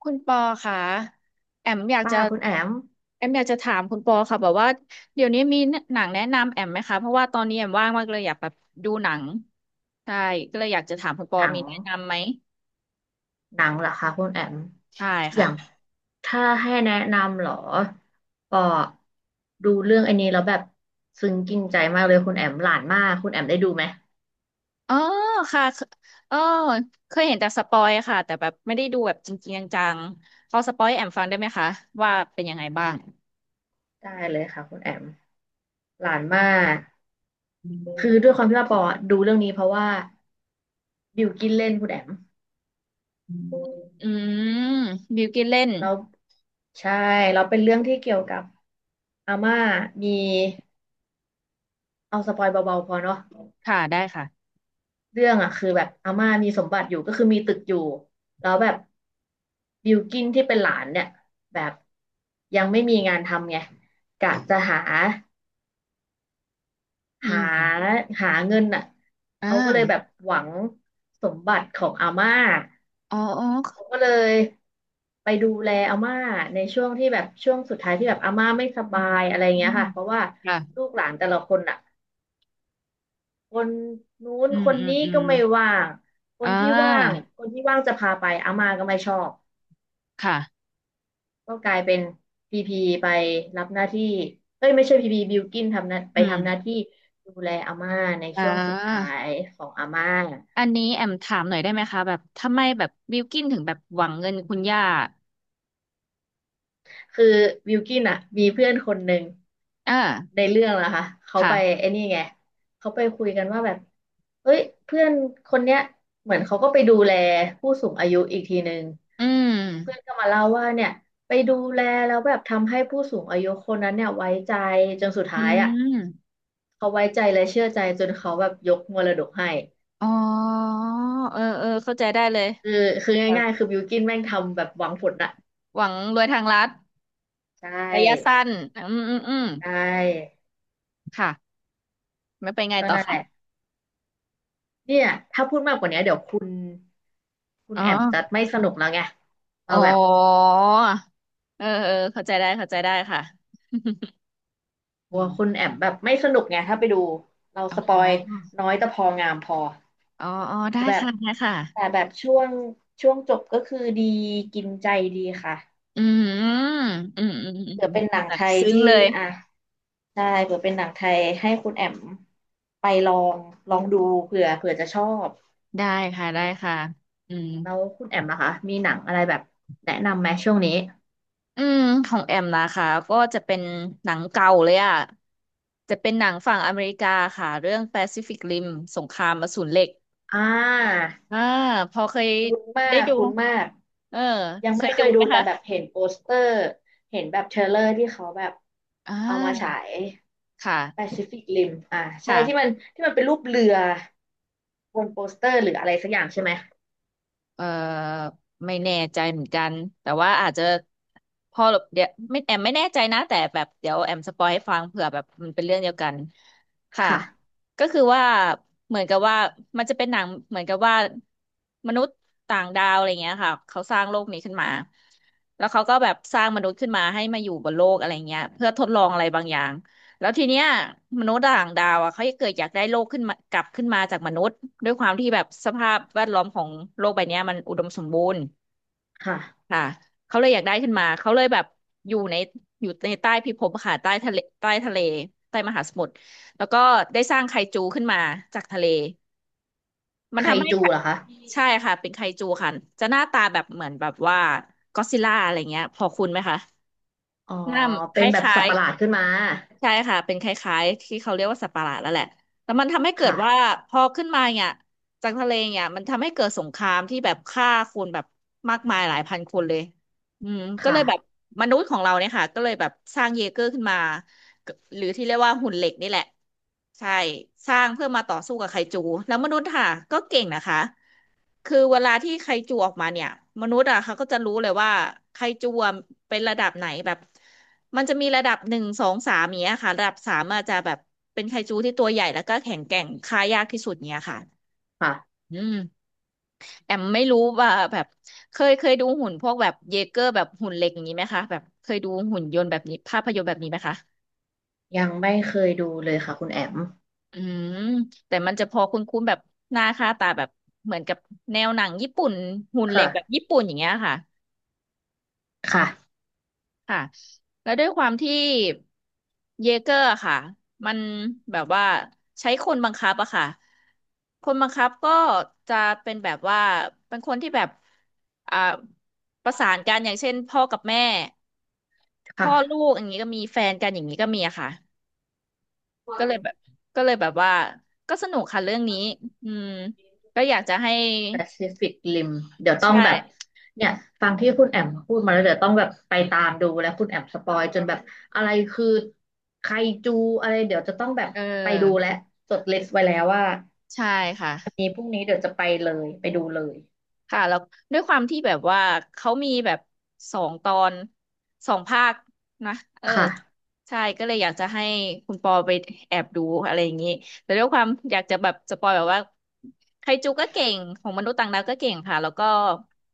คุณปอค่ะแอมอยากป้าจะคุณแอมแอมอยากจะถามคุณปอค่ะแบบว่าเดี๋ยวนี้มีหนังแนะนำแอมไหมคะเพราะว่าตอนนี้แอมว่างมากเลยอยากแบบดูหนังใช่ก็เลยอยากจะถามคุณปหอนัมีงแนะนำไหมหนังเหรอคะคุณแอมใช่อค่ะย่างถ้าให้แนะนำเหรอปอดูเรื่องอันนี้แล้วแบบซึ้งกินใจมากเลยคุณแอมหลานมากคุณแอมได้ดูไหมอ๋อค่ะเออเคยเห็นแต่สปอยค่ะแต่แบบไม่ได้ดูแบบจริงๆจังๆพอสปอยให้แอมฟังได้ไหมคะว่าเป็นยังไงบ้างได้เลยค่ะคุณแอมหลานมากคือด้วยความที่ว่าปอดูเรื่องนี้เพราะว่าบิวกินเล่นคุณแอมอืมบิวกินเล่นแล้วใช่เราเป็นเรื่องที่เกี่ยวกับอาม่ามีเอาสปอยเบาๆพอเนาะ ค่ะได้ค่ะเรื่องอ่ะคือแบบอาม่ามีสมบัติอยู่ก็คือมีตึกอยู่แล้วแบบบิลกิ้นที่เป็นหลานเนี่ยแบบยังไม่มีงานทำไงกะจะหาอืหามหาเงินอ่ะอ่าเขาก็เลยแบบหวังสมบัติของอาม่าอ๋อ เขาก็เลยไปดูแลอาม่าในช่วงที่แบบช่วงสุดท้ายที่แบบอาม่าไม่สอืบามยอะไรเงี้อืยมค่ะเพราะว่าค่ะลูกหลานแต่ละคนอ่ะ คนนู้นอืมคนอืมนี้อืก็มไม่ว่าง คอ่นที่ว่างาคนที่ว่างจะพาไปอาม่าก็ไม่ชอบค่ะก็กลายเป็นพีพีไปรับหน้าที่เอ้ยไม่ใช่พีพีบิลกินทำหน้าไปอืทำหน้ามที่ดูแลอาม่าในอ่ช่วงสุดท้าายของอาม่าอันนี้แอมถามหน่อยได้ไหมคะ แบบทำไมแบบบิลกินถึงแบบหวังเงินคุณย่าคือบิลกินอ่ะมีเพื่อนคนหนึ่ง อ่าในเรื่องนะคะเขาไปค่ะไอ้นี่ไงเขาไปคุยกันว่าแบบเฮ้ยเพื่อนคนเนี้ยเหมือนเขาก็ไปดูแลผู้สูงอายุอีกทีหนึ่งอืม เพื่อนก็มาเล่าว่าเนี่ยไปดูแลแล้วแบบทำให้ผู้สูงอายุคนนั้นเนี่ยไว้ใจจนสุดอืท้ายอ่ะมเขาไว้ใจและเชื่อใจจนเขาแบบยกมรดกให้อ๋อเออเออเข้าใจได้เลยคือคือแบบง่ายๆคือบิวกินแม่งทำแบบหวังผลอะหวังรวยทางลัดใชระยะ่สั้นอืมอืมอืมใช่ค่ะ ไม่ไปนไงก็ต่อนั่นแหคะละ เนี่ยถ้าพูดมากกว่านี้เดี๋ยวคุณคุณอ๋อแอมจะไม่สนุกแล้วไงอ๋เราอแบบเออ เออเข้าใจได้เข้าใจได้ค่ะ กอืลัวคุณมแอมแบบไม่สนุกไงถ้าไปดูเราสปออ๋ยอ น้อยแต่พองามพออ๋ออ๋อได้แต่แบบค่ะได้ค่ะแต่แบบช่วงจบก็คือดีกินใจดีค่ะอืมอืมอืมอืมเผื่ออืมเป็นหนัค่ะงแบไทบยซึ้งที่เลยอ่ะได้เผื่อเป็นหนังไทยให้คุณแอมไปลองลองดูเผื่อจะชอบได้ค่ะได้ค่ะอืมแล้วคุณแอมนะคะมีหนังอะไรแบบแนะนำไหมช่วงนี้อืมของแอมนะคะก็จะเป็นหนังเก่าเลยอ่ะจะเป็นหนังฝั่งอเมริกาค่ะ เรื่อง Pacific Rim สงครามอสูรเหล็กอ่า อ่าพอเคยคุ้นมาได้กดูคุ้นมากเออยังเคไม่ยเคดูยไหดูมแต่คะแบบเห็นโปสเตอร์เห็นแบบเทรลเลอร์ที่เขาแบบอ่เอามาฉาาย ค่ะ Pacific Rim อ่าใช่ที่มัค่ะ นที่มันเป็นรูปเรือบนโปสเตอร์หรืออะไรสักอย่างใช่ไหมเอ่อไม่แน่ใจเหมือนกันแต่ว่าอาจจะพอเดี๋ยวไม่แอมไม่แน่ใจนะแต่แบบเดี๋ยวแอมสปอยให้ฟังเผื่อแบบมันเป็นเรื่องเดียวกันค่ะค่ะก็คือว่าเหมือนกับว่ามันจะเป็นหนังเหมือนกับว่ามนุษย์ต่างดาวอะไรเงี้ยค่ะเขาสร้างโลกนี้ขึ้นมาแล้วเขาก็แบบสร้างมนุษย์ขึ้นมาให้มาอยู่บนโลกอะไรเงี้ยเพื่อทดลองอะไรบางอย่าง แล้วทีเนี้ยมนุษย์ต่างดาวอ่ะเขาเกิดอยากได้โลกขึ้นมากลับขึ้นมาจากมนุษย์ด้วยความที่แบบสภาพแวดล้อมของโลกใบเนี้ยมันอุดมสมบูรณ์ค่ะค่ะเขาเลยอยากได้ขึ้นมาเขาเลยแบบอยู่ในอยู่ในใต้พิภพค่ะใต้ทะเลใต้มหาสมุทรแล้วก็ได้สร้างไคจูขึ้นมาจากทะเลมันไคทำให้จูเหรอคะใช่ค่ะเป็นไคจูค่ะจะหน้าตาแบบเหมือนแบบว่าก็อดซิลล่าอะไรเงี้ยพอคุ้นไหมคะอ๋อหน้าคเป็นแบบล้าสัตยว์ประหลาดๆ ขึ้นมาใช่ค่ะเป็นคล้ายๆที่เขาเรียกว่าสัตว์ประหลาดแล้วแหละแต่มันทำให้เกิดว่าค่ะพอขึ้นมาเนี่ยจากทะเลเนี่ยมันทำให้เกิดสงครามที่แบบฆ่าคนแบบมากมายหลายพันคนเลยอืมก็เลค่ะยแบบมนุษย์ของเราเนี่ยค่ะก็เลยแบบสร้างเยเกอร์ขึ้นมาหรือที่เรียกว่าหุ่นเหล็กนี่แหละใช่สร้างเพื่อมาต่อสู้กับไคจูแล้วมนุษย์ค่ะก็เก่งนะคะ คือเวลาที่ไคจูออกมาเนี่ยมนุษย์อ่ะเขาก็จะรู้เลยว่าไคจูอะเป็นระดับไหนแบบมันจะมีระดับ 1 2 3เนี้ยค่ะระดับ 3อาจจะแบบเป็นไคจูที่ตัวใหญ่แล้วก็แข็งแกร่งฆ่ายากที่สุดเนี้ยค่ะค่ะอืมแอมไม่รู้ว่าแบบเคยดูหุ่นพวกแบบเยเกอร์แบบหุ่นเหล็กอย่างนี้ไหมคะแบบเคยดูหุ่นยนต์แบบนี้ภาพยนตร์แบบนี้ไหมคะยังไม่เคยดูเลยค่ะคุณแอมอืมแต่มันจะพอคุ้นๆแบบหน้าค่าตาแบบเหมือนกับแนวหนังญี่ปุ่นหุ่นเหล็กแบบค่ะญี่ปุ่นอย่างเงี้ยค่ะ ค่ะค่ะแล้วด้วยความที่เยเกอร์ค่ะมันแบบว่าใช้คนบังคับอะค่ะคนบังคับก็จะเป็นแบบว่าเป็นคนที่แบบอ่าประสานกันอย่างเช่นพ่อกับแม่พ่อลูค่ะ กอย่างนี้ก็มีแฟนกันอย่างนี้ก็มีอะค่ะก็เลยแบบก็เลยแบบว่าก็สนุกค่ะเรื่องนี้อืมก็อยากจะให้แปซิฟิกริมเดี๋ยวต้องใช่แบบเนี่ยฟังที่คุณแอมพูดมาแล้วเดี๋ยวต้องแบบไปตามดูแล้วคุณแอมสปอยจนแบบอะไรคือไคจูอะไรเดี๋ยวจะต้องแบบเอไปดูอและจดลิสต์ไว้แล้วว่าใช่ค่ะ วันนี้พรุ่งนี้เดี๋ยวจะไปเลยไปดูเลยค่ะแล้วด้วยความที่แบบว่าเขามีแบบ2 ตอน2 ภาคนะเออค่ะใช่ก็เลยอยากจะให้คุณปอไปแอบดูอะไรอย่างนี้แต่ด้วยความอยากจะแบบสปอยแบบว่าไคจูก็เก่งของมนุษย์ต่างดาวก็เก่งค่ะแล้วก็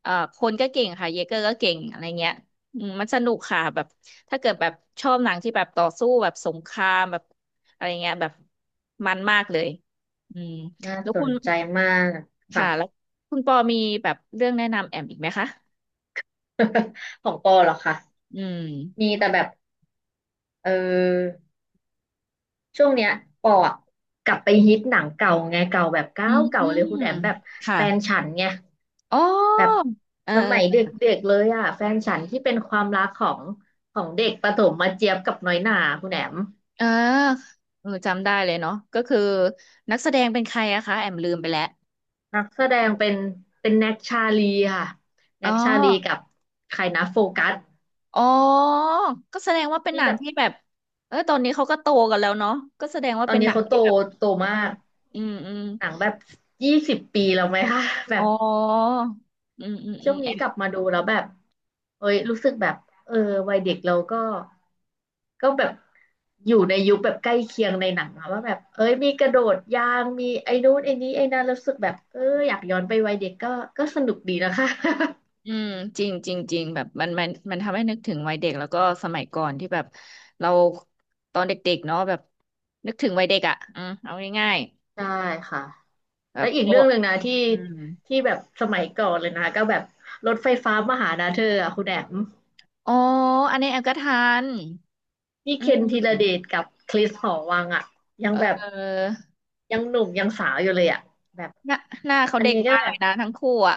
คนก็เก่งค่ะเยเกอร์ก็เก่งอะไรเงี้ยอืมมันสนุกค่ะแบบถ้าเกิดแบบชอบหนังที่แบบต่อสู้แบบสงครามแบบอะไรเงี้ยแบบมันมากเลยอืมน่าแล้วสคุนณ ใจมากค่ะ ค่ะแล้วคุณปอมีแบบเรื่องแนะนำแอมอีกไหมคะ ของปอเหรอคะอืมมีแต่แบบเออ ช่วงเนี้ยปออะกลับไปฮิตหนังเก่าไงเก่าแบบอืเก่าเก่ามเลยคุณแอมแบบค่ะแฟนฉันไงอ๋อแบบเอสมัยเดอ็กๆเลยอ่ะแฟนฉันที่เป็นความรักของของเด็กประถมมาเจี๊ยบกับน้อยหน่าคุณแอมเออเออจำได้เลยเนาะก็คือนักแสดงเป็นใครอะคะแอมลืมไปแล้วนักแสดงเป็นเป็นแน็กชาลีค่ะอ๋แน็อกชาลีกับใครนะโฟกัสอ๋อก็แสดงว่าเป็นที่หนัแบงบที่แบบเออตอนนี้เขาก็โตกันแล้วเนาะก็แสดงว่าตอนเป็นนี้หนังเขาโตที่แบบโตเออมากอืมอืมหนังแบบ20 ปีแล้วไหมคะแบอ๋อบ อืมอืมอืช่วมงแอ นี้กลับมาดูแล้วแบบเอ้ยรู้สึกแบบเออวัยเด็กเราก็ก็แบบอยู่ในยุคแบบใกล้เคียงในหนังอะว่าแบบเอ้ยมีกระโดดยางมีไอ้นู้นไอ้นี้ไอ้นั้นแล้วรู้สึกแบบเอออยากย้อนไปวัยเด็กก็ก็สนุกดีนะคะ อืมจริงจริงจริงแบบมันทำให้นึกถึงวัยเด็กแล้วก็สมัยก่อนที่แบบเราตอนเด็กๆเนาะแบบนึกถึงวัยเด็กอ่ะอืมเอาง่าย ใช่ค่ะๆแบแล้บวอีกโอ้เรื่องหนึ่งนะที่อืมที่แบบสมัยก่อนเลยนะก็แบบรถไฟฟ้ามาหานะเธออะคุณแอมอ๋ออันนี้แอมก็ทันนี่อืเคนธีรมเดชกับคริสหอวังอะยังแบบเออยังหนุ่มยังสาวอยู่เลยอะแบบหน้าหน้าเขาอันเด็กนี้ก็มากแบเลบ ยนะทั้งคู่อ่ะ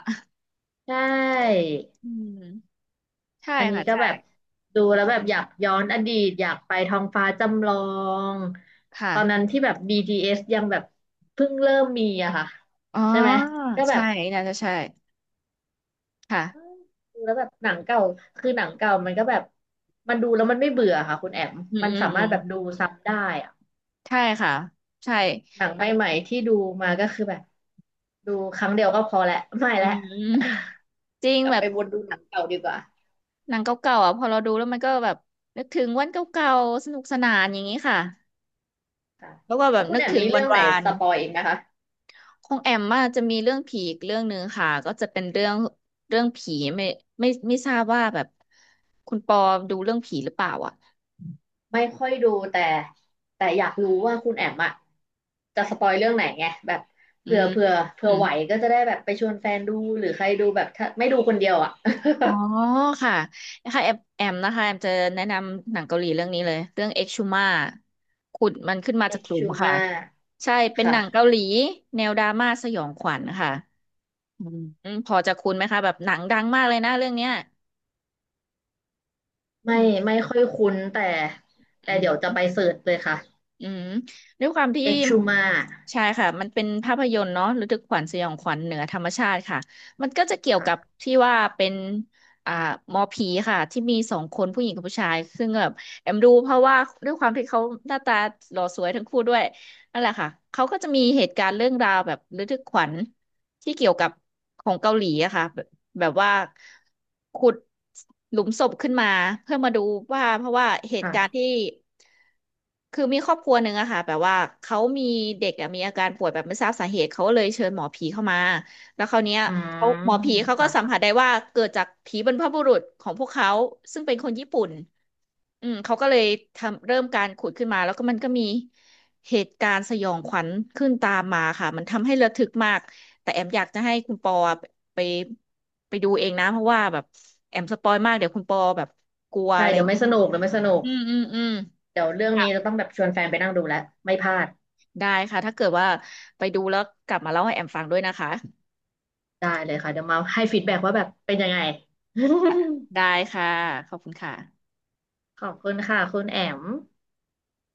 ใช่อืมใช่อันนี้ค่ะก็ใช่แบบดูแล้วแบบอยากย้อนอดีตอยากไปท้องฟ้าจำลองตอนนั้นค่ะที่แบบ BTS ยังแบบเพิ่งเริ่มมีอะค่ะอ๋อใช่ไหมก็แบใช่บน่าจะใช่ค่ะเอ้ยดูแล้วแบบหนังเก่าคือหนังเก่ามันก็แบบมันดูแล้วมันไม่เบื่อค่ะคุณแอมอืมมันอืมสาอืมารถมแบบดูซ้ำได้อะใช่ค่ะใช่หนังแบบใหม่ๆที่ดูมาก็คือแบบดูครั้งเดียวก็พอแหละไม่อืแล้ว มจริง กลับแบไปบ วนดูหนังเก่าดีกว่าหนังเก่าๆอ่ะพอเราดูแล้วมันก็แบบนึกถึงวันเก่าๆสนุกสนานอย่างนี้ค่ะค่ะแล้วก็แบแล้บวคุณนึกแอมถึงมีวัเรื่นองไหนวานสปอยอีกไหมคะ ของแอมมาจะมีเรื่องผีอีกเรื่องหนึ่งค่ะก็จะเป็นเรื่องผีไม่ทราบว่าแบบคุณปอดูเรื่องผีหรือเปล่าอ่ะไม่ค่อยดูแต่แต่อยากรู้ว่าคุณแอมอะจะสปอยเรื่องไหนไงแบบอืเผื่อมเผื่อเผื่อือมไหวก็จะได้แบบไปชวนแฟนดูหรือใครดูแบบถ้าไม่ดูคนเดียวอะอ๋อค่ะนะคะแอมนะคะแอมจะแนะนำหนังเกาหลีเรื่องนี้เลยเรื่องเอ็กชูมาขุดมันขึ้นมาเอจากฟหลุชูมค่ะมาใช่เป็นหนังเกาค่ะหลีแนวดราม่าสยองขวัญค่ะ อืมอืมพอจะคุ้นไหมคะแบบหนังดังมากเลยนะเรื่องเนี้ยไม่อืมไม่ค่อยคุ้นแต่แต่อืเดี๋ยวจะมไปเสิร์ชเลยค่ะอืมด้วยความที่เอ็กชูมาใช่ค่ะมันเป็นภาพยนตร์เนาะระทึกขวัญสยองขวัญเหนือธรรมชาติค่ะมันก็จะเกี่ยวกับค่ะที่ว่าเป็นอ่าหมอผีค่ะที่มีสองคนผู้หญิงกับผู้ชายซึ่งแบบแอมดูเพราะว่าด้วยความที่เขาหน้าตาหล่อสวยทั้งคู่ด้วย นั่นแหละค่ะ เขาก็จะมีเหตุการณ์เรื่องราวแบบระทึกขวัญที่เกี่ยวกับของเกาหลีอะค่ะแบบแบบว่าขุดหลุมศพขึ้นมาเพื่อมาดูว่าเพราะว่าเหตุการณ์ที่ค่ะคือมีครอบครัวหนึ่งอะค่ะแบบว่าเขามีเด็กอะมีอาการป่วยแบบไม่ทราบสาเหตุเขาก็เลยเชิญหมอผีเข้ามาแล้วคราวเนี้ยอืเขาหมมอผีเขาก็สัมผัค่ะสได้ว่าเกิดจากผีบรรพบุรุษของพวกเขาซึ่งเป็นคนญี่ปุ่น อืมเขาก็เลยทำเริ่มการขุดขึ้นมาแล้วก็มันก็มีเหตุการณ์สยองขวัญขึ้นตามมาค่ะมันทำให้ระทึกมากแต่แอมอยากจะให้คุณปอไปไปดูเองนะเพราะว่าแบบแอมสปอยมากเดี๋ยวคุณปอแบบกลัวใช่อะไรเดี๋ยวไม่สนุกเดี๋ยวไม่สนุกอืมอืมอืมเดี๋ยวเรื่องค่ะนี้จะต้องแบบชวนแฟนไปนั่งดูแล้วไม่พลาดได้ค่ะถ้าเกิดว่าไปดูแล้วกลับมาเล่าให้แอมฟังด้วยนะคะได้เลยค่ะเดี๋ยวมาให้ฟีดแบ็กว่าแบบเป็นยังไง ได้ค่ะขอบคุณค่ะ ขอบคุณค่ะคุณแอม